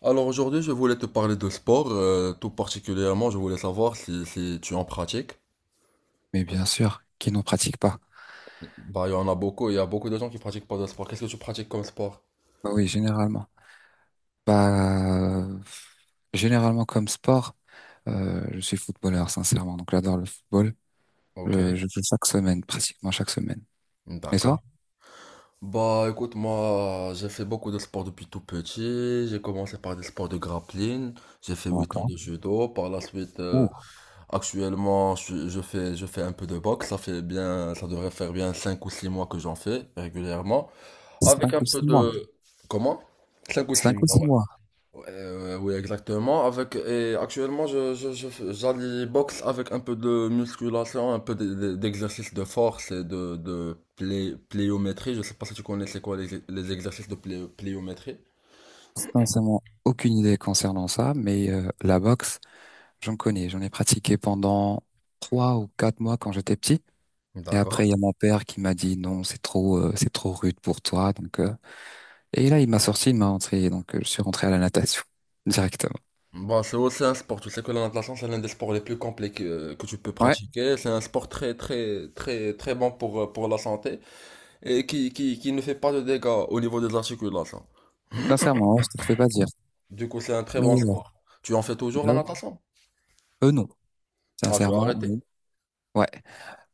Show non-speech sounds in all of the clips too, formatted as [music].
Alors aujourd'hui, je voulais te parler de sport, tout particulièrement, je voulais savoir si tu en pratiques. Mais bien sûr, qui n'en pratique pas. Bah, il y en a beaucoup, il y a beaucoup de gens qui pratiquent pas de sport. Qu'est-ce que tu pratiques comme sport? Bah oui, généralement. Bah, généralement comme sport, je suis footballeur, sincèrement. Donc j'adore le football. Ok, Je joue chaque semaine, pratiquement chaque semaine. Et toi? d'accord. Bah, écoute, moi, j'ai fait beaucoup de sport depuis tout petit. J'ai commencé par des sports de grappling. J'ai fait Pas 8 ans encore. de judo. Par la suite, Ouh, je fais un peu de boxe. Ça devrait faire bien 5 ou 6 mois que j'en fais régulièrement. Avec cinq un ou peu six mois. de... Comment? 5 ou 6 Cinq ou six mois. mois. Oui, exactement. Et actuellement, j'allie boxe avec un peu de musculation, un peu d'exercice de force et de pliométrie. Je sais pas si tu connais c'est quoi les exercices de pliométrie. Sincèrement, aucune idée concernant ça, mais la boxe, j'en connais. J'en ai pratiqué pendant 3 ou 4 mois quand j'étais petit. Et D'accord. après, il y a mon père qui m'a dit non, c'est trop rude pour toi. Donc. Et là, il m'a sorti, il m'a rentré, donc je suis rentré à la natation [laughs] directement. Bon, c'est aussi un sport. Tu sais que la natation, c'est l'un des sports les plus complets que tu peux Ouais, pratiquer. C'est un sport très bon pour la santé et qui ne fait pas de dégâts au niveau des articulations. sincèrement, hein, je te le fais pas dire. Du coup, c'est un très Mais bon sport. Tu en fais toujours bah la oui. natation? Eux, non. Ah, tu as Sincèrement, arrêté. non. Ouais.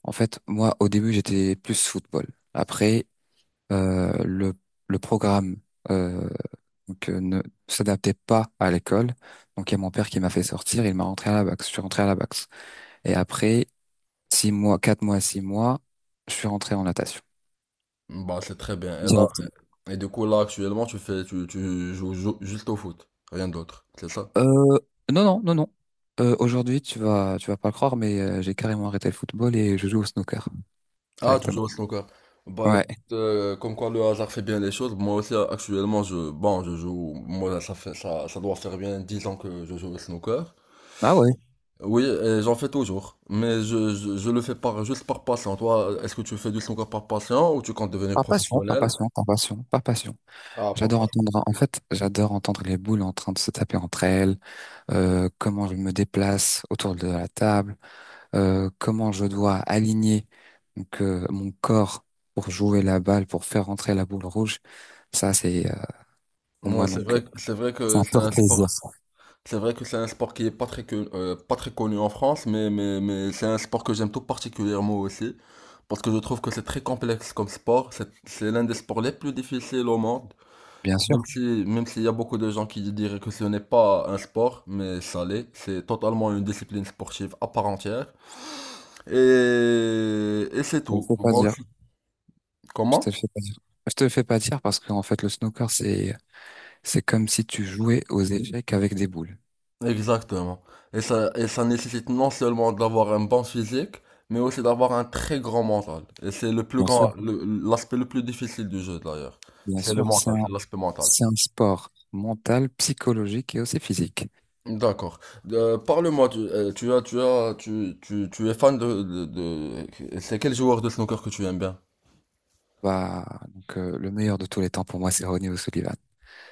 En fait, moi, au début, j'étais plus football. Après, euh, le le programme euh, donc ne s'adaptait pas à l'école. Donc il y a mon père qui m'a fait sortir, il m'a rentré à la boxe. Je suis rentré à la boxe. Et après 6 mois, 4 mois, 6 mois, je suis rentré en natation. Bah, c'est très bien. Et du coup, là, actuellement, tu joues, juste au foot, rien d'autre, c'est ça? Euh, non, non, non, non. Aujourd'hui, tu vas pas le croire, mais j'ai carrément arrêté le football et je joue au snooker Ah, tu directement. joues au snooker. Bah, écoute, Ouais. Comme quoi le hasard fait bien les choses. Moi aussi, actuellement, je, bon, je joue, moi, ça doit faire bien 10 ans que je joue au snooker. Ah ouais. Oui, et j'en fais toujours, mais je le fais par, juste par passion. Toi, est-ce que tu fais du snooker par passion ou tu comptes devenir Par passion, par professionnel? passion, par passion, par passion. Ah, par J'adore passion. entendre, en fait, j'adore entendre les boules en train de se taper entre elles, comment je me déplace autour de la table, comment je dois aligner donc, mon corps pour jouer la balle, pour faire rentrer la boule rouge. Ça, c'est pour Ouais, moi donc c'est vrai c'est que un c'est pur un plaisir. sport. Ça. C'est vrai que c'est un sport qui est pas très, pas très connu en France, mais c'est un sport que j'aime tout particulièrement aussi, parce que je trouve que c'est très complexe comme sport, c'est l'un des sports les plus difficiles au monde, Bien même sûr, si, même s'il y a beaucoup de gens qui diraient que ce n'est pas un sport, mais ça l'est, c'est totalement une discipline sportive à part entière, et c'est je ne tout. peux pas Moi dire. aussi. Je Comment? te le fais pas dire. Je te le fais pas dire parce qu'en fait, le snooker, c'est comme si tu jouais aux échecs avec des boules. Exactement. Et ça nécessite non seulement d'avoir un bon physique, mais aussi d'avoir un très grand mental. Et c'est le plus Bien sûr, grand, le- l'aspect le plus difficile du jeu d'ailleurs. bien C'est le sûr, c'est mental, un, c'est l'aspect mental. c'est un sport mental, psychologique et aussi physique. D'accord. Parle-moi, tu, tu as, tu as, tu es fan de, de c'est quel joueur de snooker que tu aimes bien? Bah, donc, le meilleur de tous les temps pour moi, c'est Ronnie O'Sullivan,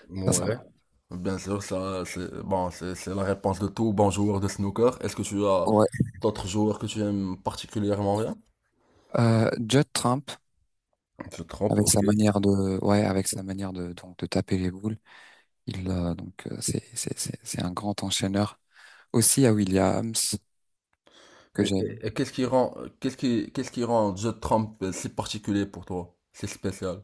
Ouais. sincèrement. Bien sûr, ça, c'est la réponse de tout bon joueur de snooker. Est-ce que tu as Ouais. d'autres joueurs que tu aimes particulièrement bien? Judd Trump, Tu te trompes, avec sa ok. manière de, ouais, avec sa manière de, donc, de taper les boules, il, donc, c'est un grand enchaîneur. Aussi à Williams, Et, que j'aime. et- et qu'est-ce qui rend, qu'est-ce qui rend Joe Trump si particulier pour toi? C'est spécial.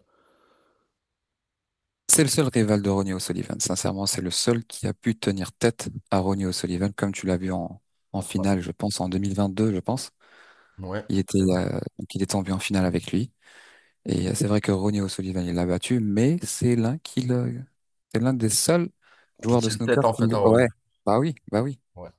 C'est le seul rival de Ronnie O'Sullivan. Sincèrement, c'est le seul qui a pu tenir tête à Ronnie O'Sullivan, comme tu l'as vu en, en Ouais. finale, je pense, en 2022, je pense. Ouais, Il était, c'est vrai. Donc il est tombé en finale avec lui. Et c'est vrai que Ronnie O'Sullivan, il l'a battu, mais c'est l'un qui le- c'est l'un des seuls Qui joueurs de tient snooker tête en qui fait le- à Owen. Ouais, bah oui, bah oui, Ouais.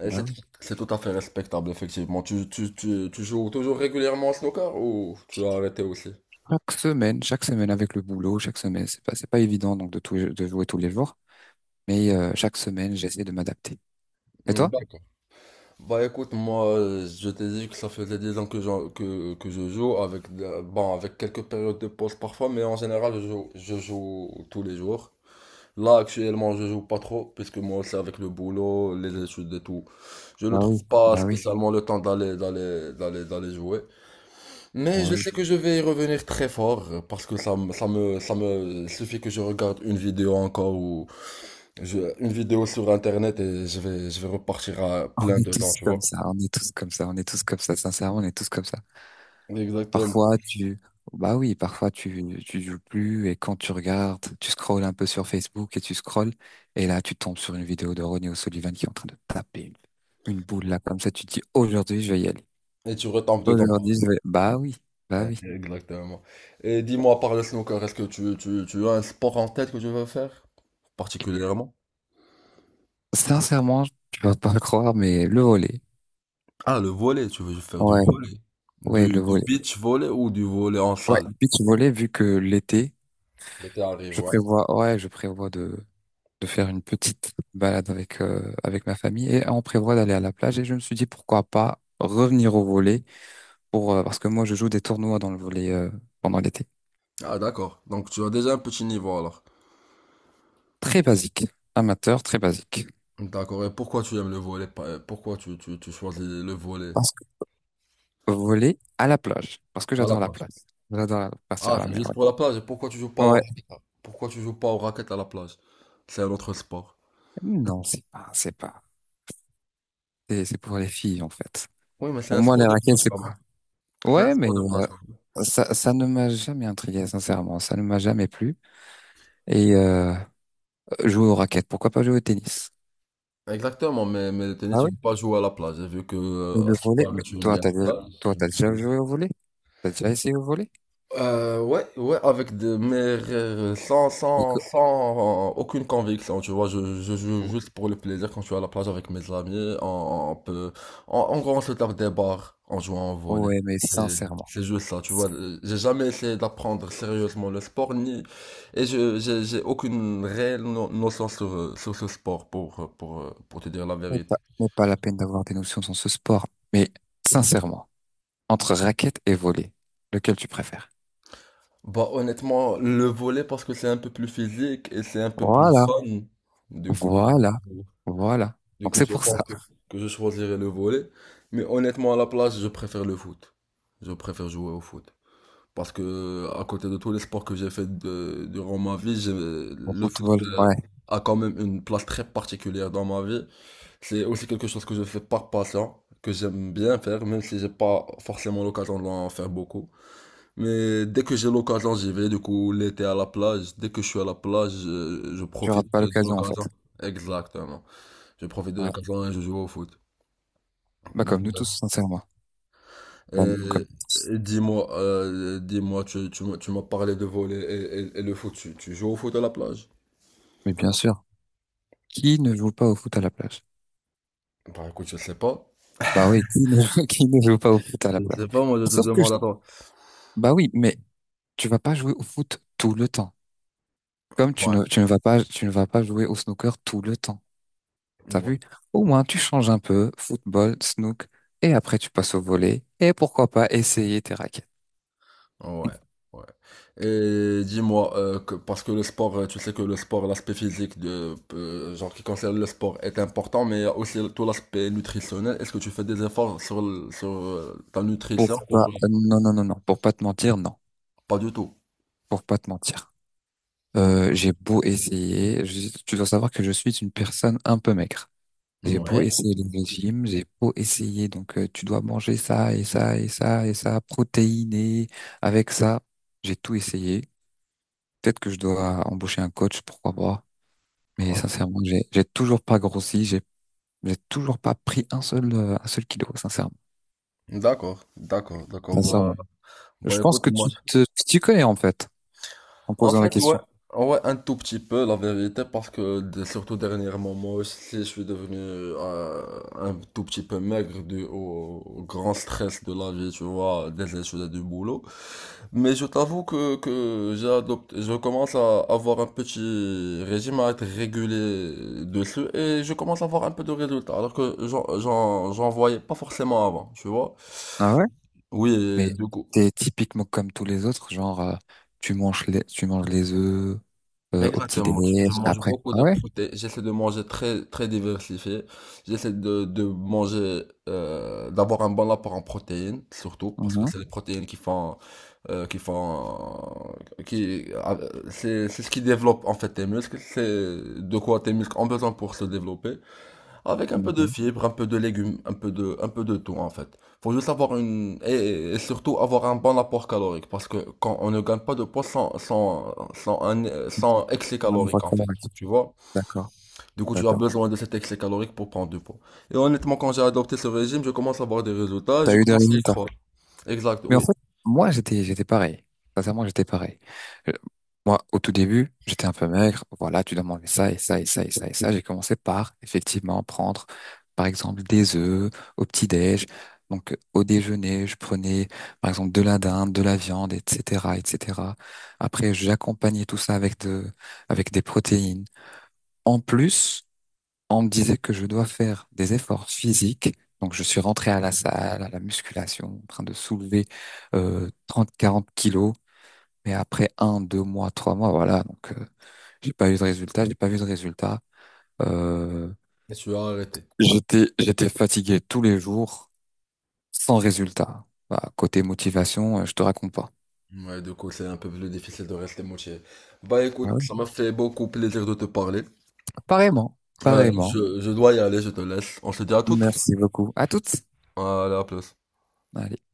Et bah C'est oui. c'est tout à fait respectable, effectivement. Tu joues toujours régulièrement au snooker ou tu as arrêté aussi? Chaque semaine avec le boulot, chaque semaine, c'est pas évident donc de tout, de jouer tous les jours, mais chaque semaine, j'essaie de m'adapter. Et Hmm, toi? d'accord. Bah écoute, moi je t'ai dit que ça faisait 10 ans que, que je joue avec, bon, avec quelques périodes de pause parfois, mais en général je joue tous les jours. Là, actuellement, je joue pas trop, puisque moi aussi, avec le boulot, les études et tout, je ne Bah trouve oui, pas bah oui. spécialement le temps d'aller jouer. Bah Mais je oui. sais que je vais y revenir très fort, parce que ça me, il suffit que je regarde une vidéo encore ou une vidéo sur Internet et je vais repartir à On plein est dedans, tous tu vois. comme ça, on est tous comme ça, on est tous comme ça, sincèrement, on est tous comme ça. Exactement. Parfois, tu, bah oui, parfois tu joues plus et quand tu regardes, tu scrolles un peu sur Facebook et tu scrolles et là, tu tombes sur une vidéo de Ronnie O'Sullivan qui est en train de taper une boule là, comme ça, tu te dis, aujourd'hui, je vais y aller. Et tu retombes dedans. Aujourd'hui, je vais, bah oui, bah Ouais, oui. exactement. Et dis-moi, par le snooker, est-ce que tu as un sport en tête que tu veux faire, particulièrement? Sincèrement, tu vas pas le croire, mais le volley. Ah, le volley, tu veux faire du Ouais, volley. ouais, le Du volley. beach volley ou du volley en Ouais, salle? le pitch volley, vu que l'été, L'été arrive, je ouais. prévois, ouais, je prévois de faire une petite balade avec, avec ma famille et on prévoit d'aller à la plage et je me suis dit pourquoi pas revenir au volley pour, parce que moi je joue des tournois dans le volley pendant l'été. Ah, d'accord. Donc, tu as déjà un petit niveau alors. Très basique, amateur, très basique. D'accord. Et pourquoi tu aimes le volley? Pourquoi tu choisis le volley Parce que volley à la plage, parce que à la j'adore la plage? plage. J'adore partir Ah, à la c'est mer, juste pour la plage. Et pourquoi tu joues pas ouais. au Ouais. raquette? Pourquoi tu joues pas au raquette à la plage? C'est un autre sport. Non, c'est pas, c'est pas. C'est pour les filles en fait. Oui, mais c'est Pour un moi les sport de raquettes plage c'est quand pas. même. C'est un Ouais, mais sport de plage quand même. ça, ça ne m'a jamais intrigué, sincèrement. Ça ne m'a jamais plu. Et jouer aux raquettes, pourquoi pas jouer au tennis? Exactement, mais le tennis, Ah tu oui, peux pas jouer à la plage. J'ai vu que, mais à le ce qui volet, paraît, mais tu aimes toi, bien la plage. T'as déjà joué au volet? T'as déjà essayé au volet? Ouais, avec des, mais Parce que- sans aucune conviction, tu vois, je joue ou- juste pour le plaisir quand je suis à la plage avec mes amis, on peut, en gros, on se tape des barres en jouant au volley. Ouais, mais C'est, sincèrement, c'est juste ça, tu vois, j'ai jamais essayé d'apprendre sérieusement le sport, ni, et j'ai aucune réelle notion sur, sur ce sport pour, pour te dire la mais vérité. pas, mais pas la peine d'avoir des notions dans ce sport. Mais sincèrement, entre raquette et volet, lequel tu préfères? Bah, honnêtement, le volley parce que c'est un peu plus physique et c'est un peu plus Voilà, fun, du coup. voilà, voilà. Du Donc coup, c'est je pour ça. pense [laughs] que je choisirais le volley. Mais honnêtement, à la place, je préfère le foot. Je préfère jouer au foot. Parce que, à côté de tous les sports que durant ma vie, Au le foot football, ouais, a quand même une place très particulière dans ma vie. C'est aussi quelque chose que je fais par passion, que j'aime bien faire, même si j'ai pas forcément l'occasion d'en faire beaucoup. Mais dès que j'ai l'occasion, j'y vais. Du coup, l'été à la plage, dès que je suis à la plage, je tu profite rates pas de l'occasion en fait. l'occasion. Exactement. Je profite de Ouais, l'occasion et je joue au foot. bah comme nous Euh, tous, sincèrement. Bah, euh, comme nous tous. Dis-moi, tu m'as parlé de voler et, et le foot. Tu joues au foot à la plage? Mais bien sûr, qui ne joue pas au foot à la plage? Bah écoute, je sais pas. Bah oui, qui ne, [laughs] qui ne joue pas au foot à Je la plage? sais pas, moi je te Sauf que je- demande à toi. bah oui, mais tu vas pas jouer au foot tout le temps. Comme Ouais, tu ne vas pas, tu ne vas pas jouer au snooker tout le temps. T'as ouais, vu? Au moins, tu changes un peu, football, snook, et après tu passes au volley, et pourquoi pas essayer tes raquettes. ouais. [laughs] Ouais. Et dis-moi, parce que le sport, tu sais que le sport, l'aspect physique de, genre qui concerne le sport est important, mais il y a aussi tout l'aspect nutritionnel. Est-ce que tu fais des efforts sur, sur ta nutrition? Pour pas, non, non, non, non, pour pas te mentir, non. Pas du tout. Pour pas te mentir. J'ai beau essayer, tu dois savoir que je suis une personne un peu maigre. J'ai beau Ouais. essayer les régimes, j'ai beau essayer, donc tu dois manger ça et ça et ça et ça, protéiné avec ça. J'ai tout essayé. Peut-être que je dois embaucher un coach, pourquoi pas. Mais Ouais. sincèrement, j'ai toujours pas grossi, j'ai toujours pas pris un seul kilo, sincèrement. D'accord, d'accord, d'accord. Bah, Sincèrement. Je bah pense écoute, que moi, tu te tu connais en fait en en posant la fait, ouais, question. ouais, un tout petit peu, la vérité, parce que surtout dernièrement, moi aussi, je suis devenu un tout petit peu maigre dû au grand stress de la vie, tu vois, des études et du boulot. Mais je t'avoue que j'ai adopté, je commence à avoir un petit régime à être régulier dessus et je commence à avoir un peu de résultats, alors que j'en voyais pas forcément avant, tu vois. Ah ouais. Oui, et Mais du coup. t'es typiquement comme tous les autres, genre tu manges les œufs au petit Exactement, déjeuner je mange après. beaucoup Ah de ouais? protéines, j'essaie de manger très très diversifié, j'essaie de manger, d'avoir un bon apport en protéines, surtout, parce que Mhm. c'est les protéines qui font, euh, qui font, c'est ce qui développe en fait tes muscles, c'est de quoi tes muscles ont besoin pour se développer. Avec un peu de D'accord. fibres, un peu de légumes, un peu un peu de tout en fait. Faut juste avoir une et surtout avoir un bon apport calorique parce que quand on ne gagne pas de poids sans excès Une fois calorique en qu'on a- fait, tu vois. D'accord, Du coup, tu as d'accord. besoin de cet excès calorique pour prendre du poids. Et honnêtement, quand j'ai adopté ce régime, je commence à voir des résultats, T'as je eu des commence à y résultats? croire. Exact, Mais en oui. fait, moi, j'étais pareil. Sincèrement, j'étais pareil. Euh, Moi, au tout début, j'étais un peu maigre. Voilà, tu dois manger ça et ça et ça et ça et ça. J'ai commencé par, effectivement, prendre, par exemple, des œufs au petit-déj. Donc, au déjeuner, je prenais, par exemple, de la dinde, de la viande, etc., etc. Après, j'accompagnais tout ça avec des protéines. En plus, on me disait que je dois faire des efforts physiques. Donc, je suis rentré à la salle, à la musculation, en train de soulever 30-40 kilos. Mais après un, 2 mois, 3 mois, voilà. Donc, j'ai pas eu de résultat. J'ai pas vu de résultat. Euh, Et tu as arrêté. j'étais fatigué tous les jours, sans résultat. Bah, côté motivation, je te raconte pas. Ouais, du coup, c'est un peu plus difficile de rester motivé. Bah Ouais, écoute, ouais. ça m'a fait beaucoup plaisir de te parler. Apparemment, apparemment. Je dois y aller, je te laisse. On se dit à toutes. Merci beaucoup. À toutes. Hadi à plus. Allez.